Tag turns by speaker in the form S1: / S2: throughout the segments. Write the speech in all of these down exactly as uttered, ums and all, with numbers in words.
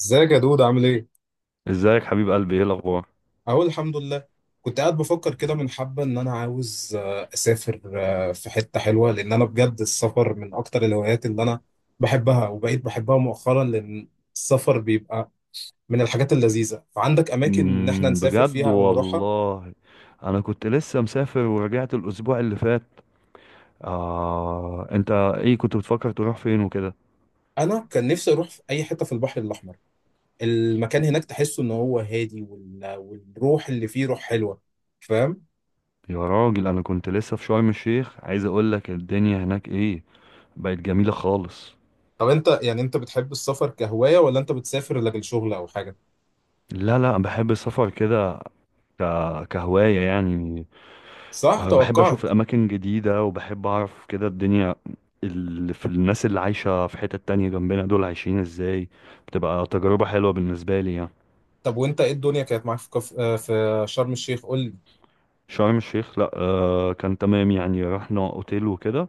S1: ازيك يا دود، عامل ايه؟
S2: ازيك حبيب قلبي، ايه الاخبار؟
S1: اقول الحمد لله. كنت قاعد بفكر كده من حبة ان انا عاوز آه، اسافر آه، في حتة حلوة، لان انا بجد السفر من اكتر الهوايات اللي انا بحبها، وبقيت بحبها مؤخرا لان السفر بيبقى من الحاجات اللذيذة. فعندك اماكن ان احنا
S2: امم
S1: نسافر
S2: بجد
S1: فيها او نروحها؟
S2: والله. انا كنت لسه مسافر ورجعت الاسبوع اللي فات. آه، انت ايه كنت بتفكر تروح فين وكده؟
S1: انا كان نفسي اروح في اي حتة في البحر الاحمر. المكان هناك تحسه ان هو هادي، وال- والروح اللي فيه روح حلوة. فاهم؟
S2: يا راجل، انا كنت لسه في شرم الشيخ، عايز اقول لك الدنيا هناك ايه. بقت جميلة خالص.
S1: طب انت يعني انت بتحب السفر كهواية ولا انت بتسافر لاجل شغل او حاجة؟
S2: لا، لا، بحب السفر كده. ك... كهواية يعني.
S1: صح،
S2: آه، بحب
S1: توقعت.
S2: اشوف اماكن جديدة، وبحب اعرف كده الدنيا اللي في الناس اللي عايشة في حتة تانية جنبنا دول عايشين ازاي. بتبقى تجربة حلوة بالنسبة لي يعني.
S1: طب وانت ايه الدنيا كانت معاك في كف... آه، في شرم الشيخ؟ قول لي.
S2: شرم الشيخ، لا، آه كان تمام يعني، رحنا اوتيل وكده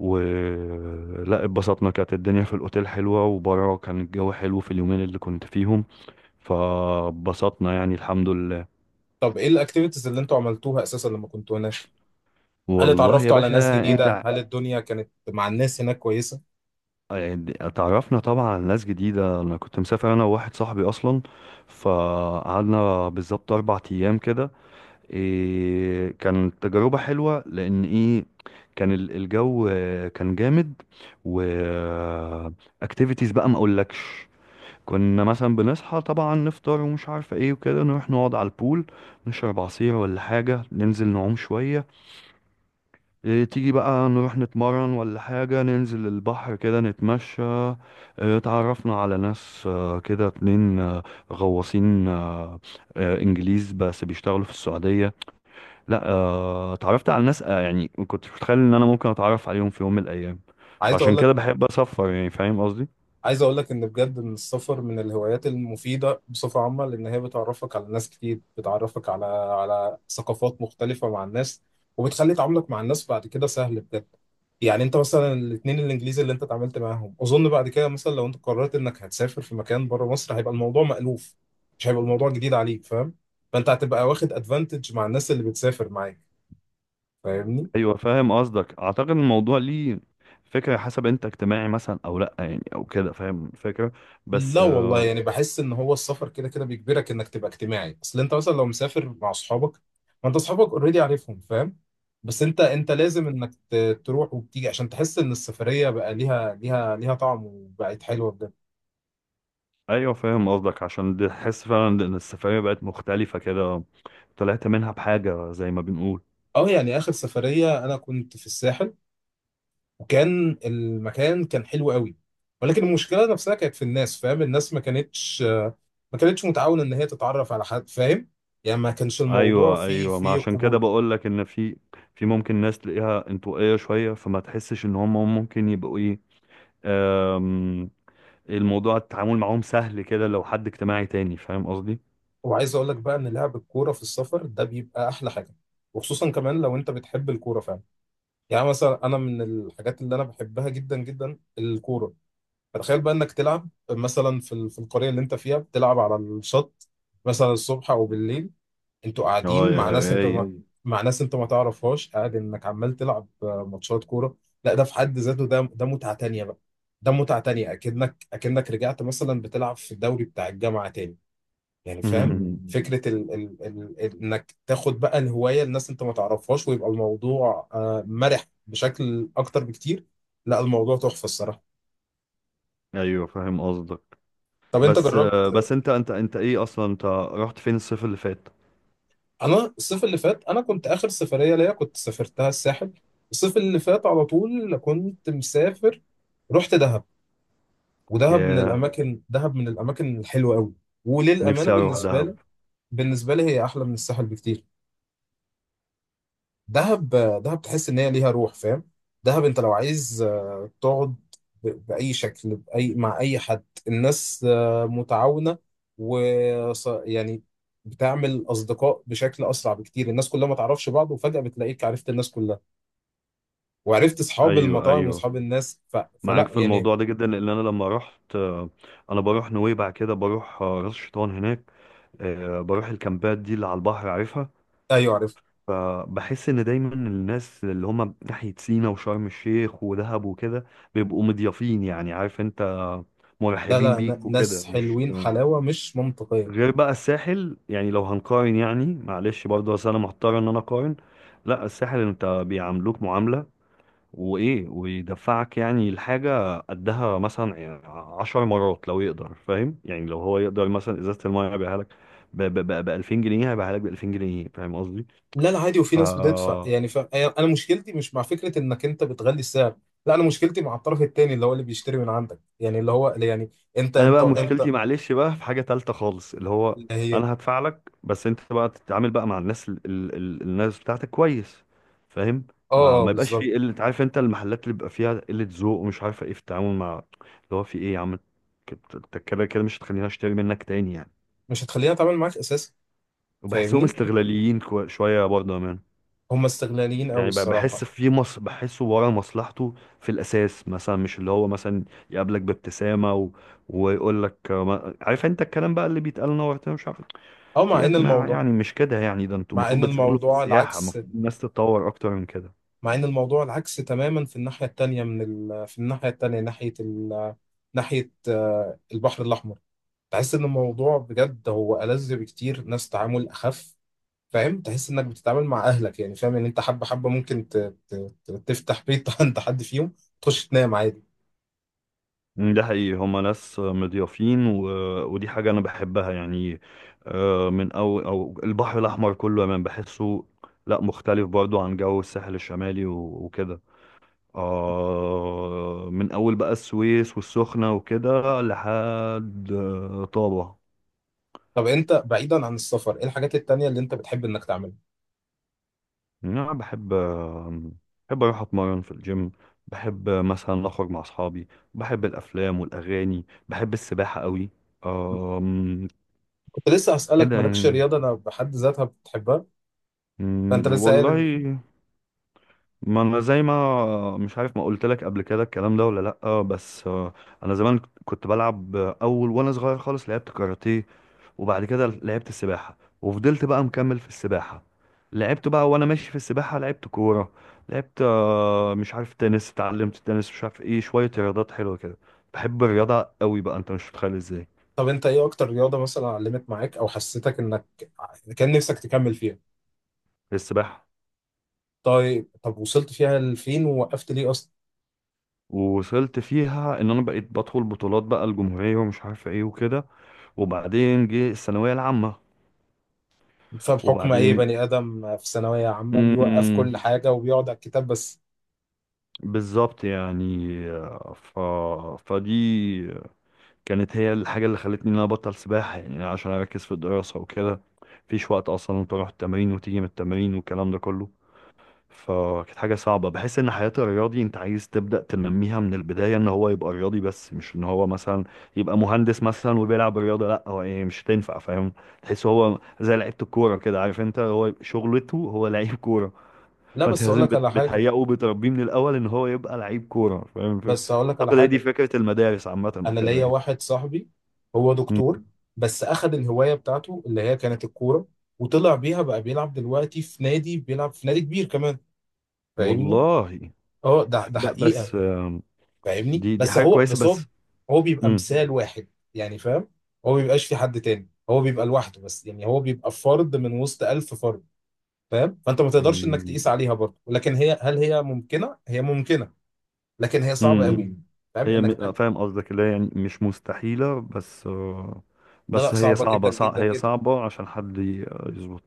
S2: ولا اتبسطنا. كانت الدنيا في الاوتيل حلوة وبره كان الجو حلو في اليومين اللي كنت فيهم. فبسطنا يعني، الحمد لله.
S1: طب ايه الاكتيفيتيز اللي انتوا عملتوها اساسا لما كنتوا هناك؟ هل
S2: والله يا
S1: اتعرفتوا على ناس
S2: باشا، انت
S1: جديدة؟
S2: ع-
S1: هل الدنيا كانت مع الناس هناك كويسة؟
S2: اتعرفنا طبعا على ناس جديدة. انا كنت مسافر انا وواحد صاحبي اصلا، فقعدنا بالظبط اربع ايام كده. إيه، كانت تجربة حلوة، لأن إيه، كان ال- الجو آه، كان جامد. و اكتيفيتيز بقى ما أقولكش. كنا مثلا بنصحى طبعا نفطر ومش عارفة ايه وكده، نروح نقعد على البول، نشرب عصير ولا حاجة، ننزل نعوم شوية. إيه، تيجي بقى نروح نتمرن ولا حاجة، ننزل البحر كده نتمشى. إيه، تعرفنا على ناس، آه، كده اتنين آه، غواصين، آه، آه، انجليز بس بيشتغلوا في السعودية. لا آه، اتعرفت على ناس آه، يعني ما كنتش متخيل ان انا ممكن اتعرف عليهم في يوم من الايام.
S1: عايز اقول
S2: فعشان
S1: لك
S2: كده بحب اسفر يعني، فاهم قصدي.
S1: عايز اقول لك ان بجد ان السفر من الهوايات المفيده بصفه عامه، لان هي بتعرفك على ناس كتير، بتعرفك على على ثقافات مختلفه مع الناس، وبتخلي تعاملك مع الناس بعد كده سهل بجد. يعني انت مثلا الاثنين الانجليزي اللي انت اتعاملت معاهم، اظن بعد كده مثلا لو انت قررت انك هتسافر في مكان بره مصر، هيبقى الموضوع مألوف. مش هيبقى الموضوع جديد عليك، فاهم؟ فانت هتبقى واخد ادفانتج مع الناس اللي بتسافر معاك. فاهمني؟
S2: ايوه، فاهم قصدك. اعتقد الموضوع ليه فكره، حسب انت اجتماعي مثلا او لا يعني، او كده، فاهم الفكره.
S1: لا
S2: بس
S1: والله،
S2: آه،
S1: يعني بحس ان هو السفر كده كده بيجبرك انك تبقى اجتماعي. اصل انت مثلا لو مسافر مع اصحابك، ما انت اصحابك اوريدي عارفهم، فاهم؟ بس انت انت لازم انك ت- تروح وبتيجي عشان تحس ان السفريه بقى ليها ليها ليها طعم وبقت حلوه بجد.
S2: ايوه فاهم قصدك. عشان دي- تحس فعلا ان السفريه بقت مختلفه كده، طلعت منها بحاجه زي ما بنقول.
S1: اه، يعني اخر سفريه انا كنت في الساحل، وكان المكان كان حلو قوي، ولكن المشكله نفسها كانت في الناس. فاهم؟ الناس ما كانتش ما كانتش متعاونه ان هي تتعرف على حد، فاهم؟ يعني ما كانش الموضوع
S2: ايوه،
S1: فيه
S2: ايوه، ما
S1: فيه
S2: عشان كده
S1: قبول.
S2: بقول لك ان في في ممكن ناس تلاقيها انطوائيه شويه، فما تحسش ان هم ممكن يبقوا ايه، الموضوع التعامل معاهم سهل كده لو حد اجتماعي تاني، فاهم قصدي.
S1: وعايز اقول لك بقى ان لعب الكوره في السفر ده بيبقى احلى حاجه، وخصوصا كمان لو انت بتحب الكوره فعلا. يعني مثلا انا من الحاجات اللي انا بحبها جدا جدا الكوره. فتخيل بقى انك تلعب مثلا في ال- في القريه اللي انت فيها، بتلعب على الشط مثلا الصبح او بالليل. انتوا
S2: اه،
S1: قاعدين
S2: يا
S1: مع ناس انت
S2: رايق.
S1: ما مع ناس انت ما تعرفهاش، قاعد انك عمال تلعب آه، ماتشات كوره. لا، ده في حد ذاته، ده ده متعه تانيه بقى. ده متعه تانيه، اكنك اكنك رجعت مثلا بتلعب في الدوري بتاع الجامعه تاني، يعني فاهم؟
S2: مم.
S1: فكرة ال ال ال ال- انك تاخد بقى الهواية، الناس انت ما تعرفهاش، ويبقى الموضوع آه، مرح بشكل اكتر بكتير. لا، الموضوع تحفة الصراحة.
S2: ايوه فاهم قصدك.
S1: طب انت
S2: بس آه،
S1: جربت؟
S2: بس انت انت انت ايه اصلا، انت رحت فين الصيف اللي فات؟
S1: انا الصيف اللي فات انا كنت اخر سفرية ليا كنت سافرتها الساحل. الصيف اللي فات على طول كنت مسافر. رحت دهب. ودهب من
S2: ياه،
S1: الاماكن دهب من الاماكن الحلوة قوي. وللأمانة
S2: نفسي اروح
S1: بالنسبة
S2: دهب.
S1: لي بالنسبة لي هي احلى من الساحل بكتير. دهب. دهب تحس ان هي ليها روح، فاهم؟ دهب انت لو عايز آه، تقعد ب- باي شكل، باي مع اي حد، الناس آه، متعاونه. و ص- يعني بتعمل اصدقاء بشكل اسرع بكتير. الناس كلها ما تعرفش بعض، وفجاه بتلاقيك عرفت الناس كلها، وعرفت اصحاب
S2: ايوه،
S1: المطاعم
S2: ايوه،
S1: واصحاب الناس، ف...
S2: معاك
S1: فلا
S2: في
S1: يعني.
S2: الموضوع ده جدا، لان انا لما رحت آه، انا بروح نويبع كده، بروح آه، راس شيطان هناك، آه، بروح الكامبات دي اللي على البحر، عارفها.
S1: ايوه، عرفت.
S2: فبحس ان دايما الناس اللي هم ناحية سينا وشرم الشيخ ودهب وكده بيبقوا مضيافين يعني، عارف انت،
S1: لا
S2: مرحبين
S1: لا،
S2: بيك
S1: ن-
S2: وكده،
S1: ناس
S2: مش
S1: حلوين حلاوه مش منطقيه.
S2: غير بقى الساحل يعني. لو هنقارن يعني، معلش برضه، اصل انا محتار ان انا اقارن. لا، الساحل انت بيعاملوك معاملة وايه، ويدفعك يعني الحاجة قدها مثلا يعني عشر مرات لو يقدر، فاهم يعني، لو هو يقدر مثلا ازازة المية هيبيعها لك ب ألفين جنيه، هيبيعها لك ب ألفين جنيه، فاهم قصدي.
S1: لا لا عادي، وفي
S2: ف
S1: ناس بتدفع يعني. ف... انا مشكلتي مش مع فكره انك انت بتغلي السعر. لا، انا مشكلتي مع الطرف الثاني اللي هو اللي بيشتري من عندك، يعني اللي هو يعني انت
S2: انا
S1: انت
S2: بقى
S1: انت
S2: مشكلتي، معلش بقى، في حاجه تالته خالص اللي هو
S1: اللي هي.
S2: انا هدفع لك، بس انت بقى تتعامل بقى مع الناس ال ال ال الناس بتاعتك كويس، فاهم.
S1: اه
S2: ما
S1: اه،
S2: ما يبقاش
S1: بالظبط.
S2: فيه قله، عارف انت، المحلات اللي بيبقى فيها قله ذوق ومش عارفه ايه في التعامل مع اللي هو في ايه يا عم. كت- انت كده كده مش هتخليني اشتري منك تاني يعني.
S1: مش هتخليها تعمل معاك اساسا،
S2: وبحسهم
S1: فاهمني؟
S2: استغلاليين كو- شويه برضه يا مان.
S1: هم استغلاليين قوي
S2: يعني ب-
S1: الصراحه.
S2: بحس في مص، بحسه ورا مصلحته في الاساس، مثلا مش اللي هو مثلا يقابلك بابتسامه و... ويقول لك آه، ما- عارف انت الكلام بقى اللي بيتقال، نورت مش عارف.
S1: او
S2: في
S1: مع
S2: يا
S1: ان
S2: جماعة
S1: الموضوع
S2: يعني، مش كده يعني، ده انتوا
S1: مع
S2: المفروض
S1: ان
S2: بتتعاملوا في
S1: الموضوع
S2: السياحة،
S1: العكس
S2: المفروض الناس تتطور أكتر من كده.
S1: مع ان الموضوع العكس تماما في الناحيه التانيه من ال... في الناحيه التانيه، ناحيه ال... ناحيه آه، البحر الاحمر. تحس ان الموضوع بجد هو ألذ بكتير، ناس تعامل اخف. فاهم؟ تحس انك بتتعامل مع اهلك، يعني فاهم ان انت حبه حبه ممكن ت... ت... ت- تفتح بيت عند حد فيهم، تخش تنام عادي.
S2: مم، ده حقيقي، هما ناس مضيافين، و... ودي حاجة أنا بحبها يعني. آه، من أو أو البحر الأحمر كله أنا بحسه، لا مختلف برضو عن جو الساحل الشمالي و... وكده. آه من أول بقى السويس والسخنة وكده لحد آه، طابة.
S1: طب انت بعيدا عن السفر، ايه الحاجات التانية اللي انت بتحب انك تعملها؟
S2: أنا بحب، بحب أروح أتمرن في الجيم، بحب مثلا أخرج مع أصحابي، بحب الأفلام والأغاني، بحب السباحة قوي. أم،
S1: كنت لسه هسألك،
S2: كده
S1: مالكش
S2: يعني.
S1: رياضة انا بحد ذاتها بتحبها؟ فانت
S2: أم،
S1: لسه قايل.
S2: والله، ما انا زي ما مش عارف ما قلت لك قبل كده الكلام ده ولا لا، بس آه، انا زمان كنت بلعب اول وانا صغير خالص، لعبت كاراتيه، وبعد كده لعبت السباحه، وفضلت بقى مكمل في السباحه. لعبت بقى وانا ماشي في السباحه لعبت كوره، لعبت آه، مش عارف، تنس، اتعلمت تنس، مش عارف ايه، شويه رياضات حلوه كده. بحب الرياضه قوي بقى، انت مش متخيل ازاي.
S1: طب انت ايه اكتر رياضة مثلا علمت معاك او حسيتك انك كان نفسك تكمل فيها؟
S2: السباحه،
S1: طيب، طب وصلت فيها لفين ووقفت ليه اصلا؟
S2: ووصلت فيها ان انا بقيت بدخل بطولات بقى الجمهوريه ومش عارف ايه وكده. وبعدين جه الثانويه العامه.
S1: فبحكم اي
S2: وبعدين،
S1: بني ادم في ثانوية عامة بيوقف
S2: مم،
S1: كل حاجة وبيقعد على الكتاب بس.
S2: بالظبط يعني، آه، ف... فدي كانت هي الحاجة اللي خلتني ان انا ابطل سباحة يعني عشان اركز في الدراسة وكده. مفيش وقت اصلا تروح التمرين وتيجي من التمرين والكلام ده كله. فكانت حاجة صعبة، بحس ان حياة الرياضي انت عايز تبدأ تنميها من البداية ان هو يبقى رياضي، بس مش ان هو مثلا يبقى مهندس مثلا وبيلعب رياضة، لا هو ايه مش هتنفع، فاهم. تحس هو زي لعيبة الكورة كده، عارف انت، هو شغلته هو لعيب كورة.
S1: لا،
S2: فانت
S1: بس اقول
S2: لازم
S1: لك
S2: بت-
S1: على حاجة
S2: بتهيئه وبتربيه من الاول ان هو يبقى لعيب كوره، فاهم الفكرة؟
S1: بس اقول لك على
S2: اعتقد هي دي
S1: حاجة.
S2: فكره المدارس عامه
S1: انا
S2: وكده
S1: ليا
S2: يعني.
S1: واحد صاحبي، هو
S2: مم.
S1: دكتور، بس اخذ الهوايه بتاعته اللي هي كانت الكوره، وطلع بيها بقى بيلعب دلوقتي في نادي، بيلعب في نادي كبير كمان. فاهمني؟
S2: والله.
S1: اه، ده ده
S2: ب-
S1: حقيقه.
S2: بس آم،
S1: فاهمني؟
S2: دي دي
S1: بس
S2: حاجه
S1: هو
S2: كويسه
S1: بس هو
S2: بس.
S1: هو بيبقى
S2: مم.
S1: مثال واحد، يعني فاهم؟ هو ما بيبقاش في حد تاني، هو بيبقى لوحده بس. يعني هو بيبقى فرد من وسط ألف فرد، فاهم؟ فانت ما تقدرش انك
S2: مم.
S1: تقيس عليها برضه. لكن هي هل هي ممكنه هي ممكنه. لكن هي صعبه
S2: مم.
S1: قوي، فاهم
S2: هي
S1: انك؟
S2: م- فاهم قصدك، اللي هي يعني مش مستحيله، بس آه،
S1: لا لا،
S2: بس هي
S1: صعبه جدا
S2: صعبه، صع
S1: جدا
S2: هي صعبه عشان حد ي- يظبط.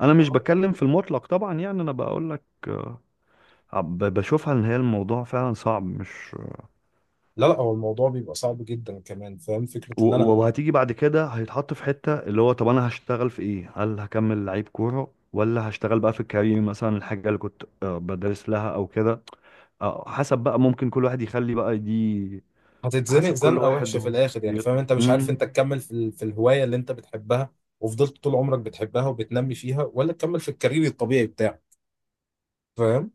S2: انا مش
S1: جدا.
S2: بتكلم في المطلق طبعا يعني، انا بقول لك آه، ب- بشوفها ان هي الموضوع فعلا صعب، مش
S1: لا لا، هو الموضوع بيبقى صعب جدا كمان. فاهم فكرة
S2: و-
S1: ان
S2: و-
S1: انا
S2: وهتيجي بعد كده هيتحط في حتة اللي هو طب انا هشتغل في ايه، هل هكمل لعيب كورة ولا هشتغل بقى في الكارير مثلا الحاجة اللي كنت آه، بدرس لها او كده. آه، حسب بقى، ممكن كل واحد يخلي بقى دي
S1: هتتزنق
S2: حسب كل
S1: زنقة
S2: واحد
S1: وحشة في الاخر؟ يعني
S2: وشخصيته.
S1: فاهم انت مش عارف
S2: امم
S1: انت تكمل في ال- في الهواية اللي انت بتحبها، وفضلت طول عمرك بتحبها وبتنمي فيها، ولا تكمل في الكارير الطبيعي بتاعك. فاهم؟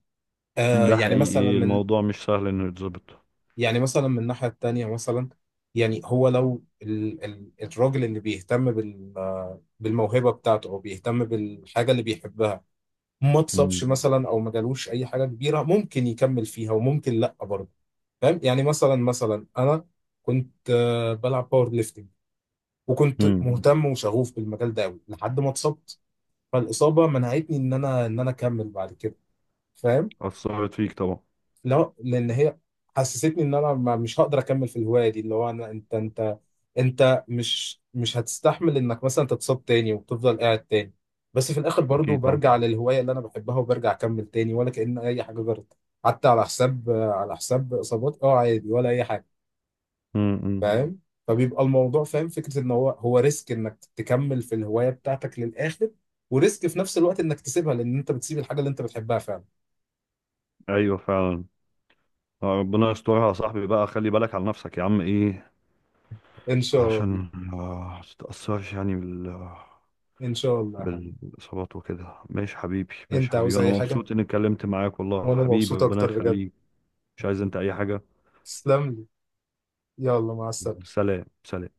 S1: آه
S2: ده
S1: يعني مثلا
S2: حقيقي،
S1: من
S2: الموضوع مش سهل انه يتظبط.
S1: يعني مثلا من الناحية التانية مثلا، يعني هو لو ال ال الراجل اللي بيهتم بال آه، بالموهبة بتاعته، او بيهتم بالحاجة اللي بيحبها، ما اتصابش
S2: امم
S1: مثلا او ما جالوش اي حاجة كبيرة، ممكن يكمل فيها وممكن لا برضه. فاهم؟ يعني مثلا مثلا انا كنت آه، بلعب باور ليفتنج، وكنت
S2: امم
S1: مهتم وشغوف بالمجال ده قوي لحد ما اتصبت. فالاصابه منعتني ان انا ان انا اكمل بعد كده. فاهم؟
S2: اثرت فيك طبعا.
S1: لا، لان هي حسستني ان انا ما- مش هقدر اكمل في الهوايه دي. اللي هو انا انت انت انت مش مش هتستحمل انك مثلا تتصاب تاني وتفضل قاعد تاني. بس في الاخر برضو
S2: اكيد طبعا.
S1: برجع للهوايه اللي انا بحبها وبرجع اكمل تاني، ولا كأن اي حاجه جرت. حتى على حساب آه، على حساب اصابات، اه عادي، ولا اي حاجه.
S2: امم
S1: فاهم؟ فبيبقى الموضوع، فاهم فكره ان هو هو ريسك انك تكمل في الهوايه بتاعتك للاخر، وريسك في نفس الوقت انك تسيبها لان انت بتسيب الحاجه اللي انت بتحبها فعلا.
S2: ايوه فعلا. آه، ربنا يسترها يا صاحبي بقى، خلي بالك على نفسك يا عم ايه،
S1: ان شاء الله.
S2: عشان آه، ما تتأثرش يعني بال
S1: ان شاء الله يا حبيبي.
S2: بالإصابات وكده. ماشي حبيبي، ماشي
S1: انت عاوز
S2: حبيبي، أنا
S1: اي حاجه؟
S2: مبسوط إني اتكلمت معاك والله
S1: وانا
S2: حبيبي،
S1: مبسوط
S2: ربنا
S1: اكتر بجد.
S2: يخليك. مش عايز أنت أي حاجة.
S1: تسلم لي. يلا مع السلامه.
S2: سلام، سلام.